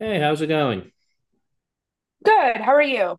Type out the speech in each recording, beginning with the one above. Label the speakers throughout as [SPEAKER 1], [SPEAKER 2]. [SPEAKER 1] Hey, how's it going?
[SPEAKER 2] Good. How are you?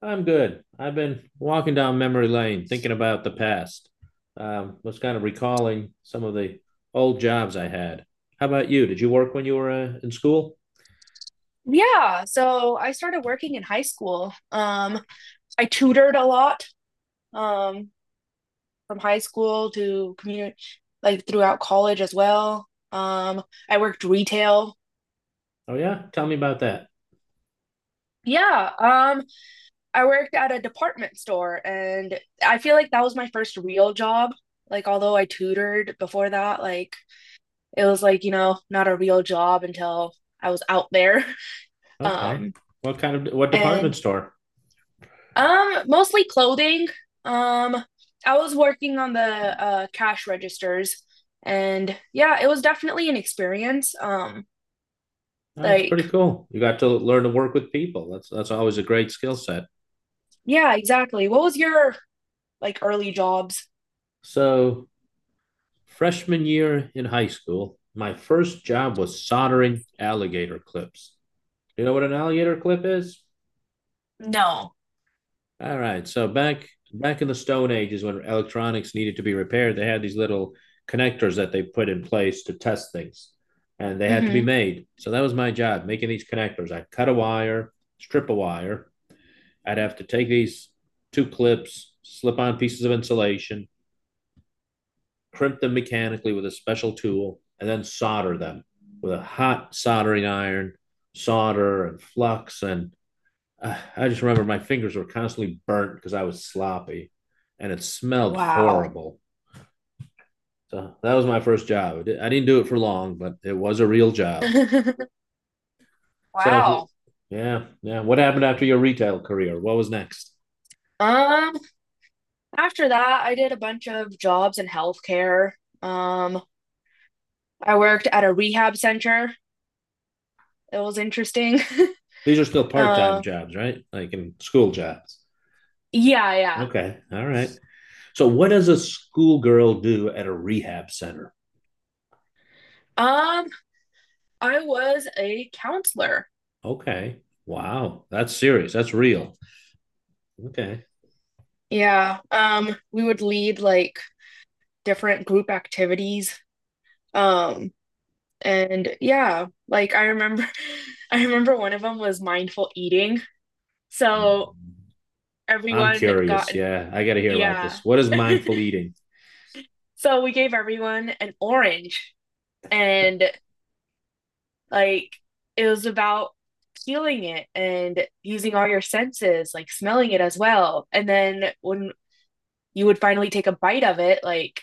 [SPEAKER 1] I'm good. I've been walking down memory lane thinking about the past. Was kind of recalling some of the old jobs I had. How about you? Did you work when you were in school?
[SPEAKER 2] Yeah, so I started working in high school. I tutored a lot, um, from high school to community, like throughout college as well. I worked retail.
[SPEAKER 1] Oh yeah, tell me about that.
[SPEAKER 2] Yeah, I worked at a department store, and I feel like that was my first real job. Like, although I tutored before that, like it was like, you know, not a real job until I was out there.
[SPEAKER 1] Okay.
[SPEAKER 2] Um,
[SPEAKER 1] What kind of what department
[SPEAKER 2] and
[SPEAKER 1] store?
[SPEAKER 2] Mostly clothing. Um, I was working on the cash registers, and yeah, it was definitely an experience.
[SPEAKER 1] Oh, that's
[SPEAKER 2] Like
[SPEAKER 1] pretty cool. You got to learn to work with people. That's always a great skill set.
[SPEAKER 2] yeah, exactly. What was your like early jobs?
[SPEAKER 1] So, freshman year in high school, my first job was soldering alligator clips. You know what an alligator clip is?
[SPEAKER 2] No.
[SPEAKER 1] All right. So back in the Stone Age is when electronics needed to be repaired, they had these little connectors that they put in place to test things, and they had to be
[SPEAKER 2] Mm-hmm.
[SPEAKER 1] made. So that was my job, making these connectors. I'd cut a wire, strip a wire. I'd have to take these two clips, slip on pieces of insulation, crimp them mechanically with a special tool, and then solder them with a hot soldering iron, solder and flux and I just remember my fingers were constantly burnt because I was sloppy, and it smelled
[SPEAKER 2] Wow.
[SPEAKER 1] horrible. So that was my first job. I didn't do it for long, but it was a real job. So,
[SPEAKER 2] Wow.
[SPEAKER 1] yeah, yeah. What happened after your retail career? What was next?
[SPEAKER 2] Um, After that, I did a bunch of jobs in healthcare. Um, I worked at a rehab center. It was interesting.
[SPEAKER 1] These are still part-time
[SPEAKER 2] Uh,
[SPEAKER 1] jobs, right? Like in school jobs.
[SPEAKER 2] yeah, yeah.
[SPEAKER 1] Okay, all right. So, what does a schoolgirl do at a rehab center?
[SPEAKER 2] Um, I was a counselor.
[SPEAKER 1] Okay, wow, that's serious. That's real. Okay,
[SPEAKER 2] Yeah. We would lead like different group activities. Um, and Yeah, like I remember I remember one of them was mindful eating. So
[SPEAKER 1] I'm
[SPEAKER 2] everyone got
[SPEAKER 1] curious.
[SPEAKER 2] an
[SPEAKER 1] Yeah, I got to hear about this.
[SPEAKER 2] yeah.
[SPEAKER 1] What is mindful eating?
[SPEAKER 2] So we gave everyone an orange and like it was about feeling it and using all your senses, like smelling it as well. And then when you would finally take a bite of it, like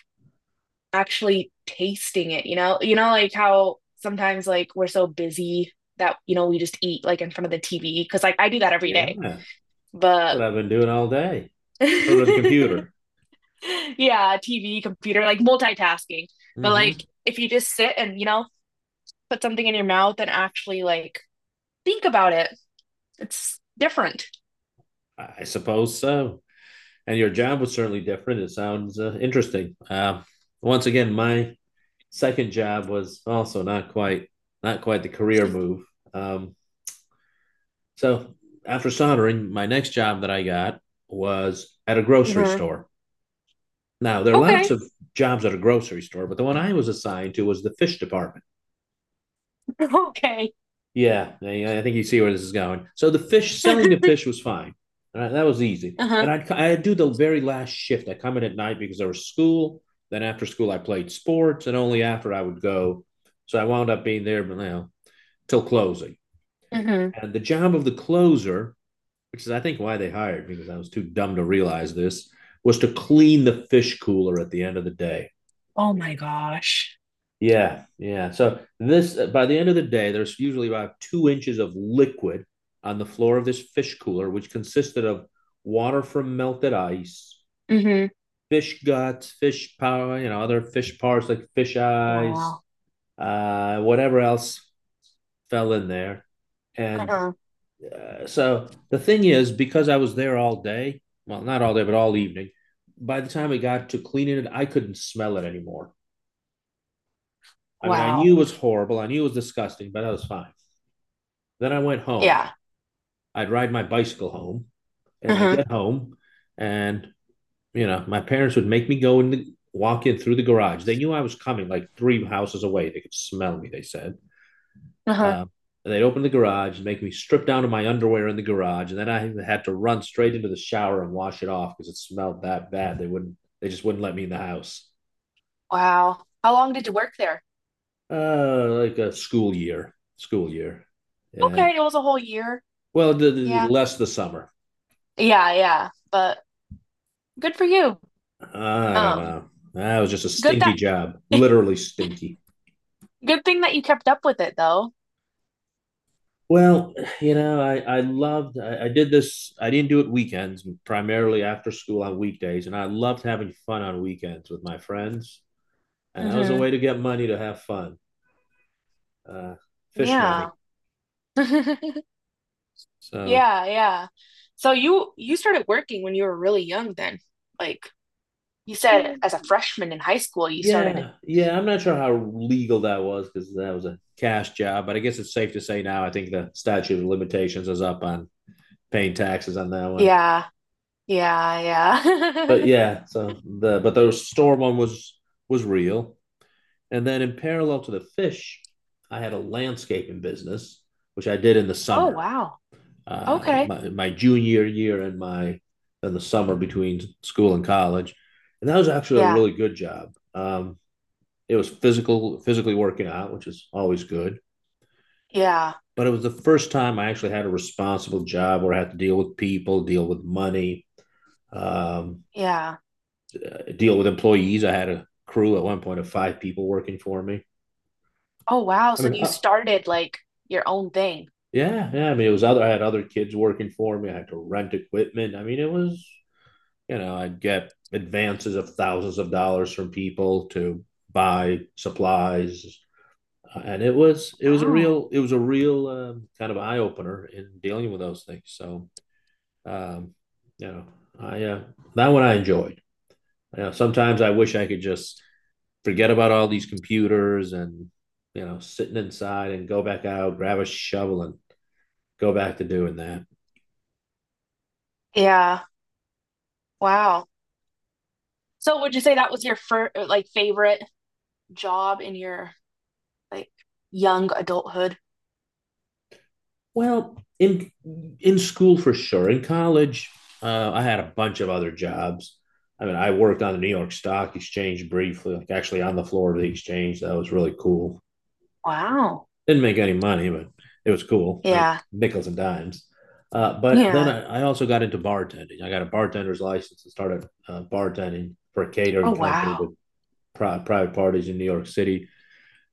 [SPEAKER 2] actually tasting it, you know? You know, like how sometimes like we're so busy that, you know, we just eat like in front of the TV because like I do that every
[SPEAKER 1] Yeah,
[SPEAKER 2] day.
[SPEAKER 1] that's
[SPEAKER 2] But
[SPEAKER 1] what I've been doing all day in front of the computer.
[SPEAKER 2] yeah, TV, computer, like multitasking. But
[SPEAKER 1] Hmm.
[SPEAKER 2] like if you just sit and, you know, put something in your mouth and actually like think about it, it's different.
[SPEAKER 1] I suppose so. And your job was certainly different. It sounds interesting. Once again, my second job was also not quite the career move. Um, so after soldering, my next job that I got was at a grocery
[SPEAKER 2] Mm-hmm.
[SPEAKER 1] store. Now there are lots
[SPEAKER 2] Okay.
[SPEAKER 1] of jobs at a grocery store, but the one I was assigned to was the fish department.
[SPEAKER 2] Okay.
[SPEAKER 1] Yeah, I think you see where this is going. So the fish selling the
[SPEAKER 2] Uh-huh.
[SPEAKER 1] fish was fine. All right, that was easy. And I'd do the very last shift. I come in at night because there was school. Then after school, I played sports, and only after I would go. So I wound up being there, but you now till closing.
[SPEAKER 2] Mm-hmm.
[SPEAKER 1] And the job of the closer, which is I think why they hired me because I was too dumb to realize this, was to clean the fish cooler at the end of the day.
[SPEAKER 2] Oh my gosh.
[SPEAKER 1] Yeah, yeah. So this by the end of the day, there's usually about 2 inches of liquid on the floor of this fish cooler, which consisted of water from melted ice,
[SPEAKER 2] Mm-hmm.
[SPEAKER 1] fish guts, fish power, other fish parts like fish eyes,
[SPEAKER 2] Wow.
[SPEAKER 1] whatever else fell in there. And
[SPEAKER 2] Uh-huh.
[SPEAKER 1] so the thing is, because I was there all day, well, not all day, but all evening, by the time I got to cleaning it, I couldn't smell it anymore. I mean, I
[SPEAKER 2] Wow.
[SPEAKER 1] knew it was horrible. I knew it was disgusting, but I was fine. Then I went home.
[SPEAKER 2] Yeah.
[SPEAKER 1] I'd ride my bicycle home and I
[SPEAKER 2] Uh-huh.
[SPEAKER 1] get home and my parents would make me go in the walk in through the garage. They knew I was coming like three houses away. They could smell me, they said.
[SPEAKER 2] Uh-huh.
[SPEAKER 1] Um, and they'd open the garage and make me strip down to my underwear in the garage. And then I had to run straight into the shower and wash it off because it smelled that bad. They just wouldn't let me in the house.
[SPEAKER 2] Wow. How long did you work there?
[SPEAKER 1] Like a school year, school year. Yeah.
[SPEAKER 2] Okay, it was a whole year.
[SPEAKER 1] Well, the
[SPEAKER 2] Yeah.
[SPEAKER 1] less the summer.
[SPEAKER 2] Yeah, yeah. But good for you.
[SPEAKER 1] I don't
[SPEAKER 2] Um,
[SPEAKER 1] know. That was just a
[SPEAKER 2] good
[SPEAKER 1] stinky
[SPEAKER 2] that
[SPEAKER 1] job, literally stinky.
[SPEAKER 2] Good thing that you kept up with it though.
[SPEAKER 1] Well, I loved, I did this, I didn't do it weekends, primarily after school on weekdays. And I loved having fun on weekends with my friends. And that was a
[SPEAKER 2] Hmm.
[SPEAKER 1] way to get money to have fun, uh, fish money.
[SPEAKER 2] Yeah.
[SPEAKER 1] So,
[SPEAKER 2] Yeah, yeah. So you started working when you were really young then. Like you said, as a freshman in high school you started.
[SPEAKER 1] yeah, yeah, I'm not sure how legal that was because that was a cash job. But I guess it's safe to say now, I think the statute of limitations is up on paying taxes on that one.
[SPEAKER 2] Yeah. Yeah,
[SPEAKER 1] But
[SPEAKER 2] yeah.
[SPEAKER 1] yeah, so the but the store one was real. And then in parallel to the fish, I had a landscaping business, which I did in the
[SPEAKER 2] Oh
[SPEAKER 1] summer,
[SPEAKER 2] wow. Okay.
[SPEAKER 1] my junior year and my in the summer between school and college, and that was actually a
[SPEAKER 2] Yeah.
[SPEAKER 1] really good job. It was physically working out, which is always good.
[SPEAKER 2] Yeah.
[SPEAKER 1] But it was the first time I actually had a responsible job where I had to deal with people, deal with money, um,
[SPEAKER 2] Yeah.
[SPEAKER 1] deal with employees. I had a crew at one point of five people working for me.
[SPEAKER 2] Oh wow.
[SPEAKER 1] I
[SPEAKER 2] So
[SPEAKER 1] mean,
[SPEAKER 2] you started like your own thing.
[SPEAKER 1] yeah, yeah. I mean, it was other. I had other kids working for me. I had to rent equipment. I mean, it was I'd get advances of thousands of dollars from people to buy supplies, and it was it was a
[SPEAKER 2] Wow.
[SPEAKER 1] real it was a real kind of eye opener in dealing with those things. So, um, you know, I that one I enjoyed. Sometimes I wish I could just forget about all these computers and sitting inside and go back out, grab a shovel and go back to doing that.
[SPEAKER 2] Yeah. Wow. So would you say that was your first like favorite job in your like young adulthood?
[SPEAKER 1] Well, in school for sure. In college, I had a bunch of other jobs. I mean, I worked on the New York Stock Exchange briefly, like actually on the floor of the exchange. That was really cool.
[SPEAKER 2] Wow.
[SPEAKER 1] Didn't make any money, but it was cool. I mean,
[SPEAKER 2] Yeah.
[SPEAKER 1] nickels and dimes. But then
[SPEAKER 2] Yeah.
[SPEAKER 1] I also got into bartending. I got a bartender's license and started bartending for a
[SPEAKER 2] Oh,
[SPEAKER 1] catering company
[SPEAKER 2] wow.
[SPEAKER 1] with private parties in New York City.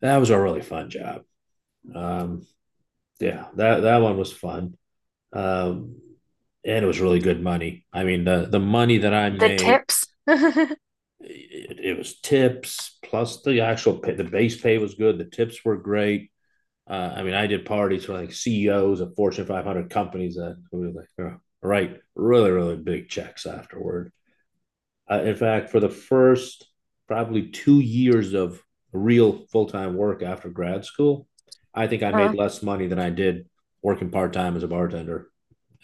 [SPEAKER 1] That was a really fun job. Um, yeah, that one was fun, um, and it was really good money. I mean, the money that I
[SPEAKER 2] The
[SPEAKER 1] made,
[SPEAKER 2] tips.
[SPEAKER 1] it was tips plus the actual pay, the base pay was good. The tips were great. I mean, I did parties for like CEOs of Fortune 500 companies that were like, oh, right, really, really big checks afterward. In fact, for the first probably 2 years of real full time work after grad school, I think I made
[SPEAKER 2] Uh-huh.
[SPEAKER 1] less money than I did working part time as a bartender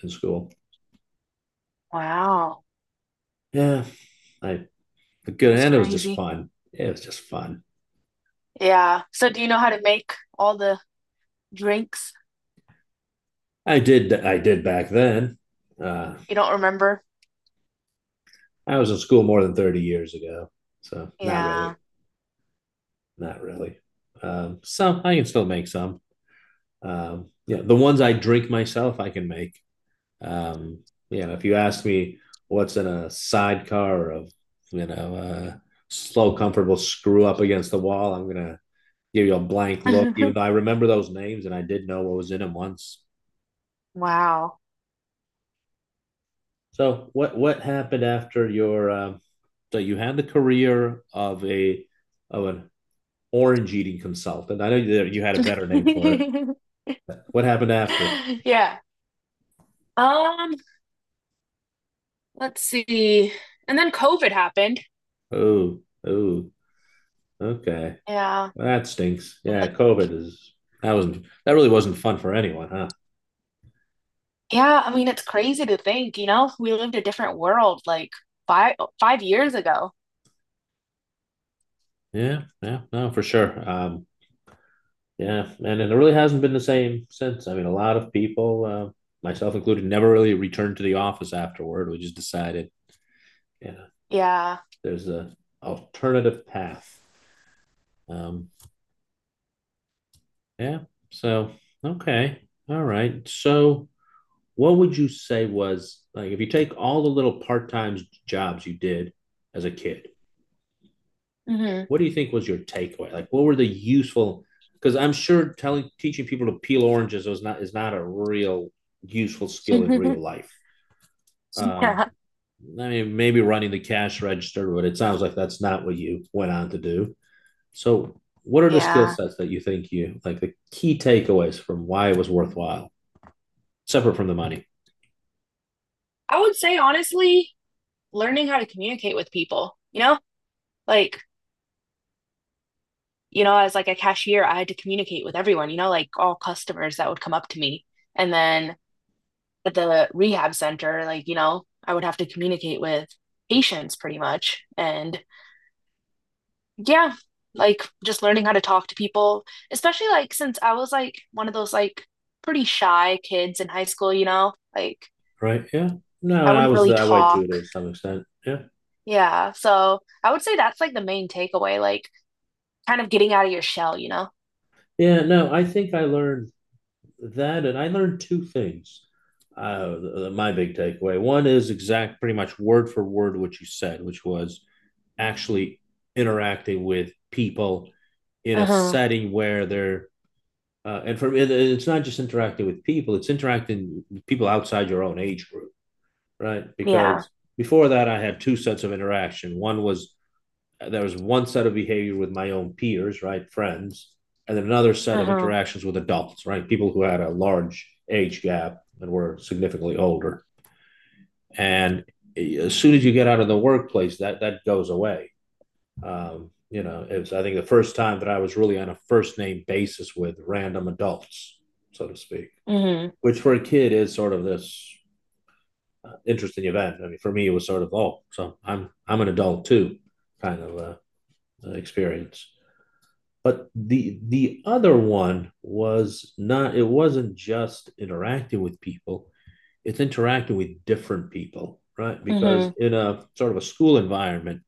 [SPEAKER 1] in school.
[SPEAKER 2] Wow.
[SPEAKER 1] Yeah, I good,
[SPEAKER 2] That's
[SPEAKER 1] and it was just
[SPEAKER 2] crazy.
[SPEAKER 1] fun. It was just fun.
[SPEAKER 2] Yeah. So do you know how to make all the drinks?
[SPEAKER 1] I did back then. Uh,
[SPEAKER 2] You don't remember?
[SPEAKER 1] I was in school more than 30 years ago, so not
[SPEAKER 2] Yeah.
[SPEAKER 1] really, not really. Some I can still make some. Yeah, the ones I drink myself, I can make. Um, if you ask me what's in a sidecar of, you know, uh, slow, comfortable screw up against the wall, I'm going to give you a blank look, even though I remember those names and I did know what was in them once.
[SPEAKER 2] Wow.
[SPEAKER 1] So what happened after so you had the career of of an orange eating consultant. I know that you had a better name for it. What happened after?
[SPEAKER 2] Yeah. Um, let's see. And then COVID happened.
[SPEAKER 1] Oh, oh, okay.
[SPEAKER 2] Yeah.
[SPEAKER 1] Well, that stinks.
[SPEAKER 2] And
[SPEAKER 1] Yeah, COVID is that was not that really wasn't fun for anyone, huh?
[SPEAKER 2] yeah, I mean, it's crazy to think, you know, we lived a different world like five years ago.
[SPEAKER 1] Yeah, yeah, no, for sure. Yeah, and it really hasn't been the same since. I mean, a lot of people, myself included, never really returned to the office afterward. We just decided, you know,
[SPEAKER 2] Yeah.
[SPEAKER 1] there's a alternative path. Um, yeah. So okay, all right. So what would you say was like if you take all the little part time jobs you did as a kid,
[SPEAKER 2] Hmm.
[SPEAKER 1] what do you think was your takeaway? Like, what were the useful? Because I'm sure telling teaching people to peel oranges is not a real useful skill in real life.
[SPEAKER 2] Yeah.
[SPEAKER 1] I mean, maybe running the cash register, but it sounds like that's not what you went on to do. So, what are the skill
[SPEAKER 2] Yeah.
[SPEAKER 1] sets that you think you like the key takeaways from why it was worthwhile, separate from the money,
[SPEAKER 2] I would say honestly, learning how to communicate with people, you know, like, you know, as like a cashier, I had to communicate with everyone, you know, like all customers that would come up to me. And then at the rehab center, like, you know, I would have to communicate with patients pretty much. And yeah, like just learning how to talk to people, especially like since I was like one of those like pretty shy kids in high school, you know? Like
[SPEAKER 1] right? Yeah. No,
[SPEAKER 2] I
[SPEAKER 1] and I
[SPEAKER 2] wouldn't
[SPEAKER 1] was
[SPEAKER 2] really
[SPEAKER 1] that way too
[SPEAKER 2] talk.
[SPEAKER 1] to some extent. Yeah.
[SPEAKER 2] Yeah, so I would say that's like the main takeaway, like kind of getting out of your shell, you know?
[SPEAKER 1] Yeah. No, I think I learned that, and I learned two things. Th- th- my big takeaway one is exact, pretty much word for word, what you said, which was actually interacting with people in a
[SPEAKER 2] Uh-huh.
[SPEAKER 1] setting where they're and it's not just interacting with people; it's interacting with people outside your own age group, right?
[SPEAKER 2] Yeah.
[SPEAKER 1] Because before that, I had two sets of interaction. One was there was one set of behavior with my own peers, right, friends, and then another set of
[SPEAKER 2] Uh-huh.
[SPEAKER 1] interactions with adults, right, people who had a large age gap and were significantly older. And as soon as you get out of the workplace, that goes away. It was I think the first time that I was really on a first name basis with random adults, so to speak,
[SPEAKER 2] Mm-hmm.
[SPEAKER 1] which for a kid is sort of this interesting event. I mean, for me, it was sort of oh, so I'm an adult too, kind of experience. But the other one was not it wasn't just interacting with people it's interacting with different people right because
[SPEAKER 2] Mm-hmm.
[SPEAKER 1] in a sort of a school environment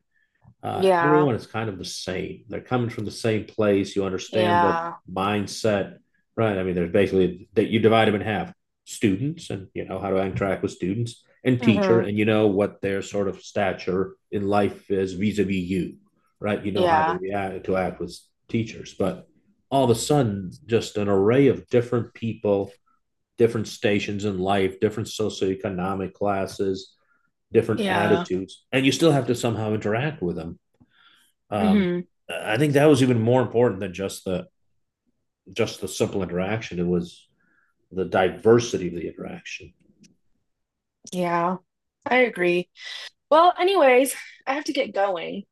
[SPEAKER 2] Yeah.
[SPEAKER 1] everyone is kind of the same. They're coming from the same place. You understand the
[SPEAKER 2] Yeah.
[SPEAKER 1] mindset, right? I mean, there's basically that you divide them in half: students, and you know how to interact with students, and teacher,
[SPEAKER 2] Uh-huh.
[SPEAKER 1] and you know what their sort of stature in life is vis-a-vis you, right? You know how to
[SPEAKER 2] Yeah.
[SPEAKER 1] react to act with teachers, but all of a sudden, just an array of different people, different stations in life, different socioeconomic classes, different
[SPEAKER 2] Yeah.
[SPEAKER 1] attitudes, and you still have to somehow interact with them. um,
[SPEAKER 2] Mm-hmm.
[SPEAKER 1] I think that was even more important than just the simple interaction. It was the diversity of the interaction.
[SPEAKER 2] Yeah. I agree. Well, anyways, I have to get going.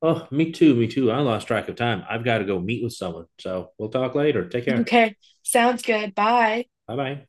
[SPEAKER 1] Oh, me too, me too. I lost track of time. I've got to go meet with someone. So we'll talk later. Take care.
[SPEAKER 2] Okay. Sounds good. Bye.
[SPEAKER 1] Bye bye.